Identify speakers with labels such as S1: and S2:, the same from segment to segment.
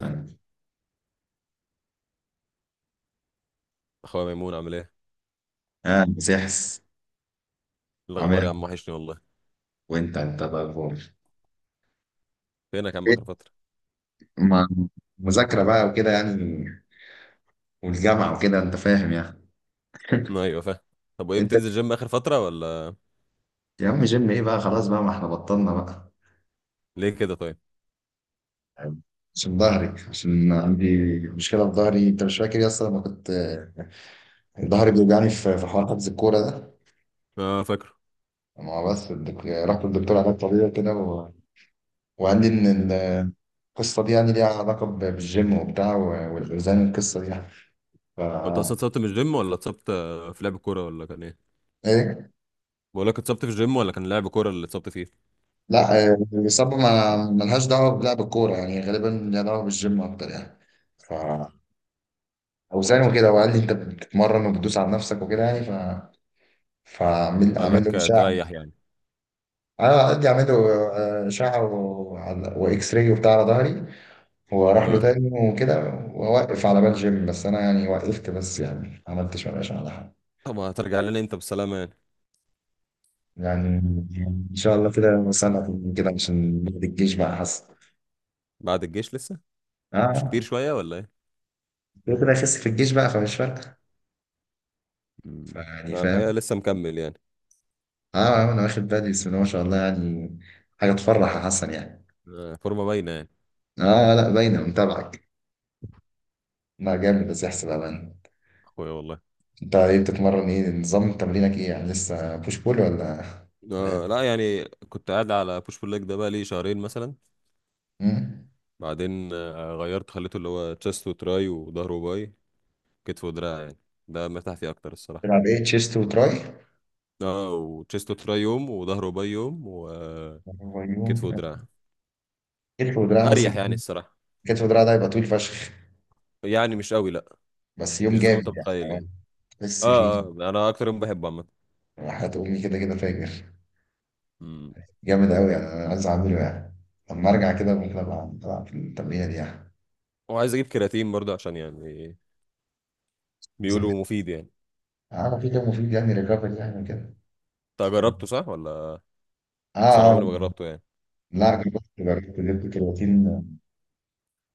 S1: اه،
S2: اخويا ميمون عامل إيه؟
S1: مسحس. عامل إيه؟
S2: الاخبار يا عم، وحشني والله.
S1: وانت الاخبار
S2: فينك يا عم
S1: إيه؟
S2: اخر فتره؟
S1: ما مذاكره بقى وكده يعني، والجامعه وكده انت فاهم يعني.
S2: ايوه، فاهم. طب وايه،
S1: انت
S2: بتنزل جيم اخر فتره ولا؟
S1: يا عم، جيم ايه بقى، خلاص بقى، ما احنا بطلنا بقى.
S2: ليه كده طيب؟
S1: يعني، عشان ظهري، عشان عندي مشكله في ظهري. انت مش فاكر يا اسطى لما كنت ظهري بيوجعني في حوار حجز الكوره ده؟
S2: اه، فاكره.
S1: ما هو بس رحت للدكتور علاج طبيعي كده و... وقال لي ان ال- القصه دي يعني ليها علاقه بالجيم وبتاع والاوزان، القصه دي يعني. ف
S2: هو انت اصلا اتصبت من الجيم ولا اتصبت في لعب كوره ولا كان ايه؟
S1: ايه،
S2: بقول لك، اتصبت في الجيم ولا كان لعب كوره اللي اتصبت فيه؟
S1: لا. آه، الإصابة ما ملهاش دعوة بلعب الكورة يعني، غالبا ليها دعوة بالجيم أكتر يعني. ف أوزان وكده. وقال لي أنت بتتمرن وبتدوس على نفسك وكده يعني. ف فأعمل،
S2: قال
S1: أعمل له
S2: لك
S1: إشعة.
S2: تريح يعني؟
S1: أنا قد أعمل له آه، إشعة وإكس راي وبتاع على ظهري، وأروح له
S2: اه.
S1: تاني وكده. وأوقف على بال جيم. بس أنا يعني وقفت، بس يعني ما عملتش ولا إشعة على حاجة.
S2: طب هترجع لنا انت بالسلامه يعني؟
S1: يعني إن شاء الله كده سنة كده عشان نقعد الجيش بقى، حصل.
S2: بعد الجيش لسه؟ مش
S1: آه،
S2: كتير شويه ولا ايه؟
S1: كده كده أخس في الجيش بقى فمش فارقة.
S2: مم.
S1: فيعني
S2: انا الحقيقه
S1: فاهم.
S2: لسه مكمل يعني.
S1: اه آه، انا واخد بالي. بسم الله ما شاء الله يعني، حاجه تفرح يا حسن يعني.
S2: فورمه باينه يعني.
S1: اه لا باينه، متابعك. لا جامد، بس يحسب امان.
S2: اخويا والله.
S1: انت ايه بتتمرن؟ ايه نظام تمرينك؟ ايه يعني، لسه بوش بول ولا غيرت؟
S2: اه لا، يعني كنت قاعد على بوش بول ليج، ده بقى لي شهرين مثلا.
S1: أمم.
S2: بعدين غيرت، خليته اللي هو تشيست وتراي وظهر وباي، كتف ودراع يعني. ده مرتاح فيه اكتر الصراحه.
S1: تلعب ايه تشيست وتراي؟
S2: اه، وتشيست وتراي يوم، وظهر وباي يوم، وكتف
S1: هو يوم
S2: ودراع.
S1: كتف ودراع؟ بس
S2: اريح
S1: كتف.
S2: يعني الصراحه.
S1: كتف ودراع ده هيبقى طويل فشخ.
S2: يعني مش قوي، لا.
S1: بس يوم
S2: مش زي ما
S1: جامد
S2: انت
S1: يعني
S2: متخيل
S1: آه،
S2: يعني.
S1: تحس فيه.
S2: اه، اه، انا اكتر يوم بحبه عامه.
S1: راحت امي كده كده فاجر.
S2: أمم.
S1: جامد قوي يعني، انا عايز اعمله يعني. لما ارجع كده ممكن ابقى العب في التمرينه دي يعني.
S2: وعايز اجيب كرياتين برضه، عشان يعني بيقولوا
S1: بالظبط.
S2: مفيد يعني.
S1: اه، مفيد مفيد يعني، ريكفري يعني كده.
S2: انت
S1: اه.
S2: جربته، صح ولا؟ بس انا
S1: آه.
S2: عمري ما جربته يعني.
S1: لا جربت، جبت كرياتين.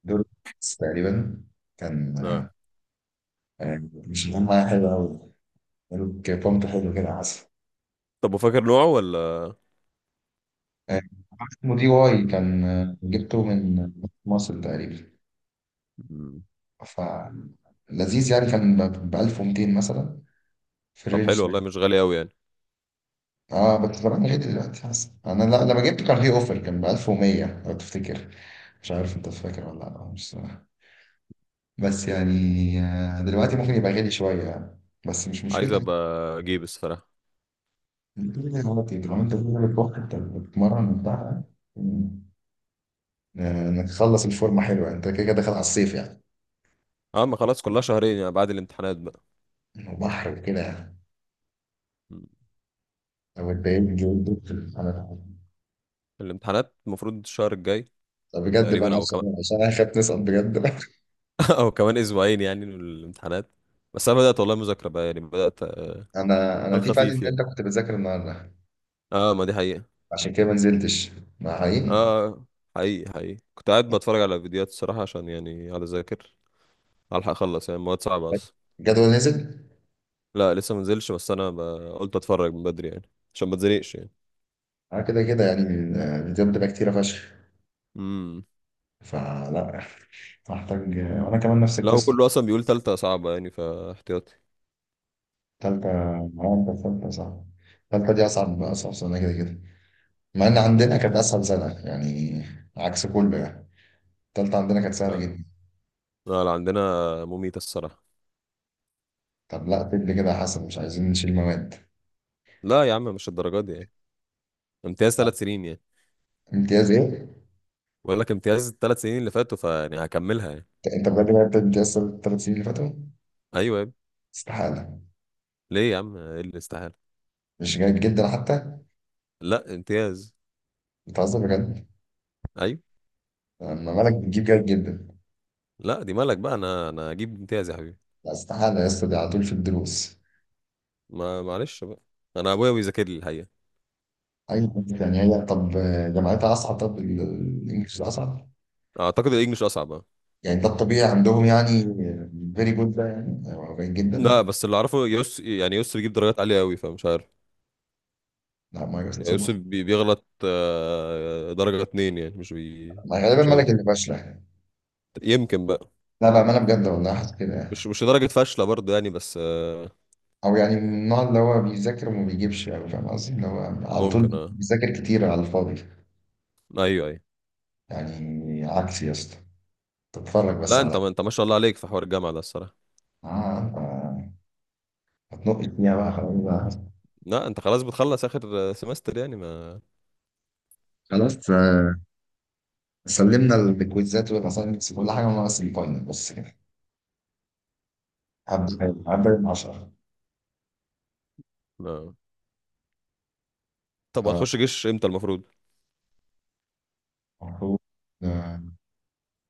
S1: دول بس تقريبا. كان
S2: لا.
S1: آه، مش مهم، معايا حلو قوي. ملوك بامب حلو كده، عسل.
S2: طب، وفاكر نوعه ولا؟
S1: آه، اسمه دي واي. كان آه، جبته من مصر تقريبا.
S2: أمم.
S1: ف لذيذ يعني. كان ب 1200 مثلا، في
S2: طب
S1: الرينج
S2: حلو
S1: ده.
S2: والله، مش غالي قوي يعني.
S1: اه بس طبعا غالي دلوقتي حسن. انا لا، لما جبته كان في اوفر، كان ب 1100 لو تفتكر. مش عارف انت فاكر ولا لا، مش صراحة. بس يعني آه، دلوقتي ممكن يبقى غالي شويه يعني، بس مش
S2: عايز
S1: مشكله.
S2: ابقى اجيب الصراحه.
S1: دلوقتي لو انت بتعمل وقت انت بتتمرن بتاع آه، انك تخلص الفورمه حلوه، انت كده كده داخل على الصيف يعني.
S2: اه، ما خلاص كلها شهرين يعني، بعد الامتحانات بقى.
S1: وبحر وكده يعني.
S2: مم.
S1: لو اتضايقت جدا انا.
S2: الامتحانات المفروض الشهر الجاي،
S1: طب بجد بقى،
S2: تقريبا او كمان،
S1: عشان عشان انا خايف نسقط بجد.
S2: او كمان اسبوعين يعني من الامتحانات. بس انا بدات والله مذاكره بقى يعني، بدات على
S1: انا دي فادي
S2: الخفيف
S1: ان انت
S2: يعني.
S1: كنت بتذاكر النهارده،
S2: اه، ما دي حقيقه.
S1: عشان كده ما نزلتش مع. حقيقي
S2: اه، حقيقي حقيقي كنت قاعد بتفرج على فيديوهات الصراحه، عشان يعني على ذاكر الحق اخلص يعني، مواد صعبه اصلا.
S1: الجدول نزل.
S2: لا لسه ما نزلش، بس انا قلت اتفرج من بدري يعني عشان ما اتزنقش يعني.
S1: انا كده كده يعني الفيديوهات بتبقى كتيره فشخ.
S2: امم.
S1: فلا محتاج، وانا كمان نفس
S2: لا،
S1: القصه.
S2: وكله اصلا بيقول تالتة صعبة يعني، فاحتياطي.
S1: تالتة معايا تالتة صعب. تالتة دي أصعب، أصعب سنة كده كده. مع ان عندنا كانت اسهل سنه يعني، عكس كله يعني. التالتة عندنا كانت سهله
S2: لا،
S1: جدا.
S2: لا، لا، عندنا مميتة الصراحة.
S1: طب لا، طب كده يا حسن، مش عايزين نشيل مواد.
S2: لا يا عم، مش الدرجات دي يعني. امتياز
S1: لا،
S2: 3 سنين يعني.
S1: امتياز ايه؟
S2: بقول لك امتياز الثلاث سنين اللي فاتوا، فيعني هكملها يعني.
S1: انت أنت بجد جبت امتياز الثلاث سنين اللي فاتوا؟
S2: ايوه يا ابني.
S1: استحاله.
S2: ليه يا عم، ايه اللي استحاله؟
S1: مش جيد جدا حتى؟
S2: لا، امتياز.
S1: بتهزر بجد.
S2: ايوه.
S1: لما بالك بتجيب جيد جدا.
S2: لا، دي مالك بقى، انا هجيب امتياز يا حبيبي.
S1: لا استحاله يا اسطى، دي على طول في الدروس.
S2: ما معلش بقى. انا ابويا بيذاكر لي الحقيقه.
S1: اي حد يعني. هي طب جامعتها اصعب؟ طب الانجليش ده اصعب؟
S2: اعتقد الانجليش اصعب بقى.
S1: يعني ده الطبيعي عندهم يعني، فيري جود ده يعني، أو جيد
S2: لا
S1: جدا.
S2: بس اللي اعرفه يوس، يعني يوس بيجيب درجات عاليه قوي، فمش عارف.
S1: لا ما يوصل.
S2: يعني يوس بيغلط درجه اتنين يعني، مش بي.
S1: ما غالبا
S2: مش قوي.
S1: مالك اللي فاشله.
S2: يمكن بقى.
S1: لا بأمانة بجد والله، حاسس كده يعني.
S2: مش درجه فاشله برضه يعني، بس
S1: أو يعني من النوع اللي هو بيذاكر وما بيجيبش أوي. فاهم قصدي، اللي هو على طول
S2: ممكن، اه.
S1: بيذاكر كتير على الفاضي.
S2: ايوه، ايوه.
S1: يعني عكسي يا اسطى. تتفرج بس
S2: لا انت،
S1: على.
S2: ما انت ما شاء الله عليك في حوار الجامعه ده الصراحه.
S1: آه. أنت هتنقش فيها بقى، خلاص بقى.
S2: لا انت خلاص بتخلص اخر سمستر يعني
S1: خلاص آه، سلمنا الكويزات والأساينمنتس وكل حاجة، ناقص الفاينل بس كده. هبدأ من 10.
S2: ما... طب هتخش جيش امتى المفروض؟
S1: المفروض آه،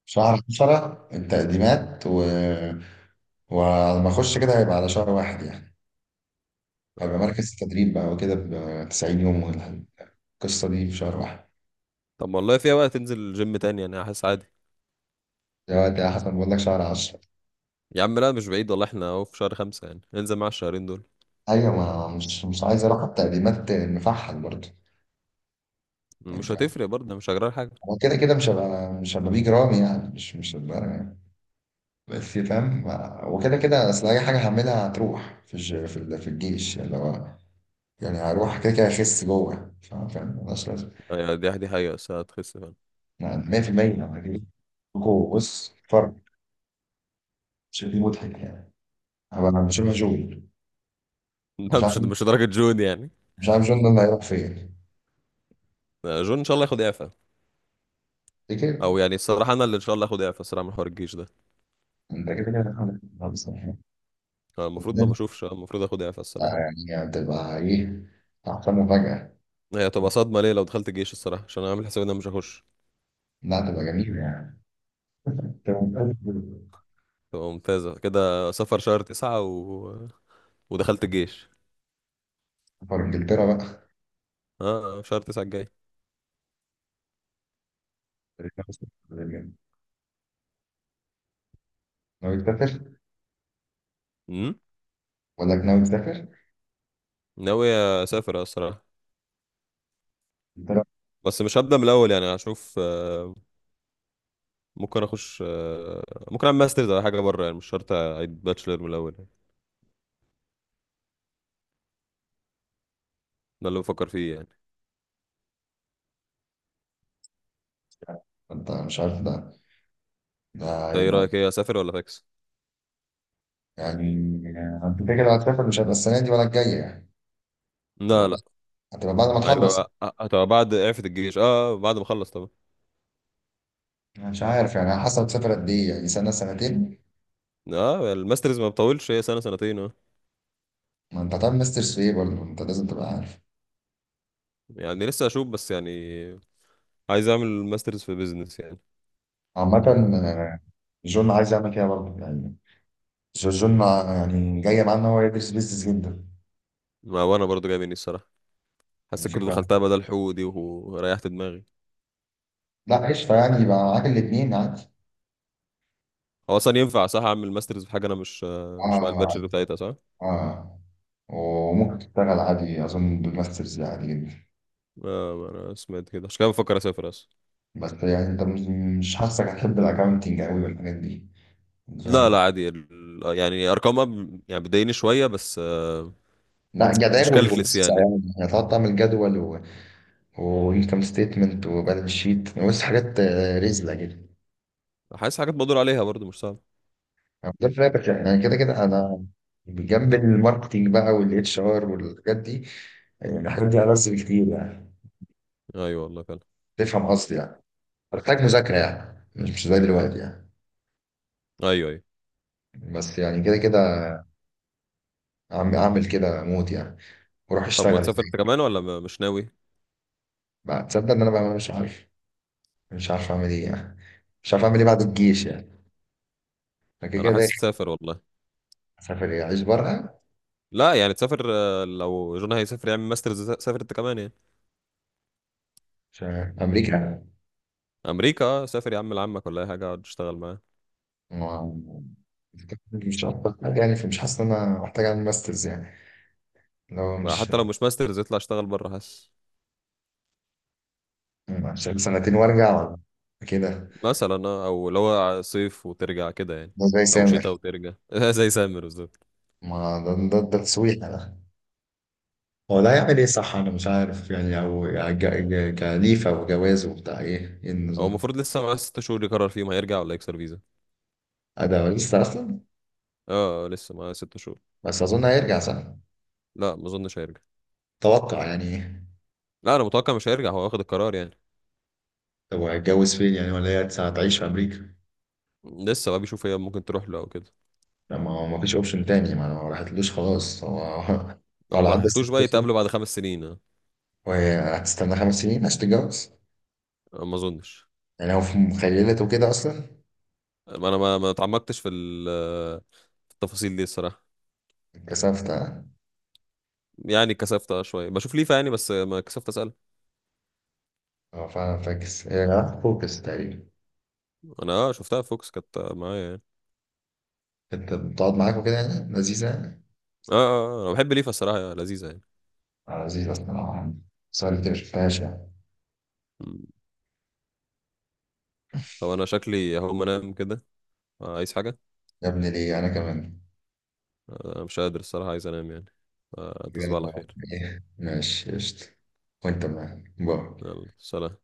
S1: شهر 10 التقديمات و... ولما أخش كده هيبقى على شهر واحد يعني. هيبقى
S2: واحد.
S1: مركز التدريب بقى وكده، ب 90 يوم القصة دي في شهر واحد.
S2: طب والله فيها بقى، تنزل جيم تاني يعني، حاسس عادي.
S1: دلوقتي يا حسن بقول لك شهر عشرة.
S2: يا عم لا، مش بعيد والله، احنا اهو في شهر خمسة يعني، ننزل مع الشهرين دول.
S1: أيوة، ما مش مش عايز أروح على التقديمات مفحل برضه. يعني
S2: مش
S1: فاهم.
S2: هتفرق برضه، مش هجرى حاجة.
S1: هو كده كده مش هبقى بيج رامي يعني، مش مش هبقى يعني. بس فاهم، وكده كده أصل أي حاجة هعملها هتروح في في الجيش. اللي هو يعني هروح كده كده أخس جوه. فاهم، فاهم، ملهاش لازمة.
S2: يعني دي حقيقة، بس هتخس فعلا.
S1: أنا 100% لما أجي جوه بص فرق. شكلي مضحك يعني. هبقى مش عارف جون.
S2: لا،
S1: مش
S2: مش
S1: عارف.
S2: مش لدرجة جون يعني.
S1: مش عارف جون ده اللي هيروح فين.
S2: جون ان شاء الله ياخد اعفاء.
S1: دي كده.
S2: او يعني الصراحة انا اللي ان شاء الله اخد اعفاء الصراحة من حوار الجيش ده.
S1: انت كده كده.
S2: المفروض ما
S1: لا،
S2: بشوفش، المفروض اخد اعفاء الصراحة.
S1: يعني هتبقى إيه، أحسن مفاجأة.
S2: هي هتبقى صدمة ليه لو دخلت الجيش الصراحة؟ عشان انا عامل حسابي ان انا مش هخش.
S1: لا هتبقى جميلة يعني. أنت متأكد؟
S2: تبقى ممتازة كده، سفر شهر تسعة و ودخلت الجيش.
S1: سفر إنجلترا بقى.
S2: اه، شهر تسعة الجاي.
S1: ناوي تسافر
S2: امم.
S1: ولا ناوي تسافر؟
S2: ناوي. اسافر الصراحه.
S1: إنجلترا.
S2: بس مش هبدا من الاول يعني، هشوف ممكن اخش ممكن اعمل ماسترز على حاجه بره يعني، مش شرط اعيد باتشلر من الاول يعني. ده اللي بفكر فيه يعني.
S1: أنت مش عارف ده. ده
S2: طيب ايه
S1: هيبقى
S2: رايك، ايه، اسافر ولا فاكس؟
S1: يعني. أنت كده كده هتسافر، مش هيبقى السنة دي ولا الجاية يعني. هتبقى
S2: لا،
S1: بعد،
S2: لا.
S1: هتبقى بعد ما تخلص.
S2: هتبقى بعد اعفة الجيش، اه بعد ما اخلص طبعا.
S1: أنا مش عارف يعني، على حسب تسافر قد إيه، يعني سنة سنتين.
S2: اه، الماسترز ما بطولش، هي سنه سنتين، اه.
S1: ما أنت هتعمل ماسترز في إيه برضه؟ أنت لازم تبقى عارف.
S2: يعني لسه اشوف بس يعني. عايز اعمل ماسترز في بيزنس يعني.
S1: عامة آه، جون عايز يعمل كده برضه يعني. جورجون يعني جايه معاه ان هو يدرس بيزنس جدا.
S2: ما وانا برضو جاي مني الصراحه.
S1: يعني
S2: حسيت كنت
S1: فكره.
S2: دخلتها بدل حقوق دي، وريحت دماغي.
S1: لا قشطه يعني، يبقى معاك الاثنين عادي.
S2: هو اصلا ينفع صح اعمل ماسترز في حاجه انا مش مع
S1: اه
S2: الباتشر بتاعتها صح؟
S1: اه. وممكن تشتغل عادي، اظن بالماسترز عادي جدا.
S2: انا سمعت كده، عشان كده بفكر اسافر اصلا.
S1: بس يعني انت مش، مش حاسسك هتحب الاكونتنج قوي والحاجات دي. مش
S2: لا،
S1: عارف.
S2: لا، عادي يعني ارقامها يعني بتضايقني شويه بس
S1: لا
S2: مش
S1: جداول
S2: كالكلس
S1: وقصة
S2: يعني.
S1: يعني، هتقعد تعمل جدول و... وانكم ستيتمنت وبالانس شيت. بص حاجات آه، رزلة كده.
S2: حاسس حاجات بدور عليها برضو مش صعبه.
S1: أنا ده فاتك يعني. كده كده انا بجنب الماركتينج بقى والاتش ار والحاجات دي. يعني الحاجات دي ألذ بكتير يعني،
S2: ايوه والله فعلا.
S1: تفهم قصدي يعني. بحتاج مذاكرة يعني، مش مش زي دلوقتي يعني.
S2: ايوه، ايوه.
S1: بس يعني كده كده عم اعمل كده موت يعني، واروح
S2: طب
S1: اشتغل
S2: وتسافر
S1: يعني.
S2: انت كمان ولا مش ناوي؟
S1: بعد، تصدق ان انا بقى مش عارف. مش عارف اعمل ايه يعني. مش عارف اعمل ايه بعد الجيش يعني. أنا كده كده
S2: انا حاسس
S1: داخل.
S2: تسافر والله.
S1: اسافر إيه؟ اعيش بره؟
S2: لا يعني تسافر، لو جون هيسافر يعمل ماسترز، سافر انت كمان يعني.
S1: عشان امريكا.
S2: امريكا، سافر يا عم لعمك ولا اي حاجه، اقعد اشتغل معاه.
S1: و- مش عارف حاجة يعني. فمش حاسس ان انا محتاج اعمل ماسترز يعني، لو مش
S2: حتى لو مش ماسترز، يطلع اشتغل بره حاسس.
S1: عشان سنتين وارجع ولا كده.
S2: مثلا، او اللي هو صيف وترجع كده يعني،
S1: ده زي
S2: او
S1: سامر.
S2: شتاء وترجع زي سامر بالظبط.
S1: ما ده، ده تسويحة ده. هو ده
S2: مم.
S1: هيعمل ايه صح؟ انا مش عارف يعني. او كليفة وجواز وبتاع، ايه ايه
S2: هو
S1: النظام.
S2: المفروض لسه معاه 6 شهور يقرر فيهم، هيرجع ولا يكسر فيزا؟
S1: آه، ده لسه اصلا.
S2: اه، لسه معاه ست شهور.
S1: بس اظن هيرجع صح.
S2: لا ما اظنش هيرجع.
S1: توقع يعني ايه.
S2: لا، انا متوقع مش هيرجع، هو واخد القرار يعني.
S1: طب هيتجوز فين يعني؟ ولا هي هتعيش في امريكا؟
S2: لسه بقى بيشوف، هي ممكن تروح له او كده،
S1: لا، ما هو ما فيش اوبشن تاني، ما انا ما راحتلوش خلاص هو. هو
S2: او
S1: لو
S2: ما
S1: عنده
S2: راحتلوش
S1: ست
S2: بقى،
S1: سنين.
S2: يتقابلوا بعد 5 سنين آه.
S1: وهتستنى خمس سنين عشان تتجوز؟
S2: آه، ما اظنش.
S1: يعني هو في مخيلته كده اصلا.
S2: ما انا ما اتعمقتش في في التفاصيل دي الصراحه.
S1: كسفت.
S2: يعني كسفت شويه بشوف ليفا يعني، بس ما كسفت اسال.
S1: اه فعلا فاكس، هي جماعة فوكس تقريبا.
S2: انا، اه، شفتها في فوكس كانت معايا يعني.
S1: انت بتقعد معاك وكده يعني، لذيذة يعني.
S2: اه، اه، انا بحب ليفا الصراحه لذيذه.
S1: آه، لذيذة الصراحة. بس أنا اللي مش فيهاش يعني.
S2: يعني هو انا شكلي هقوم انام كده. عايز حاجة؟
S1: يا ابني ليه، أنا كمان.
S2: أنا مش قادر الصراحة، عايز انام يعني.
S1: جامد
S2: تصبح على
S1: والله.
S2: خير.
S1: إيه، ماشي قشطة. وأنت معايا، باي.
S2: يلا سلام.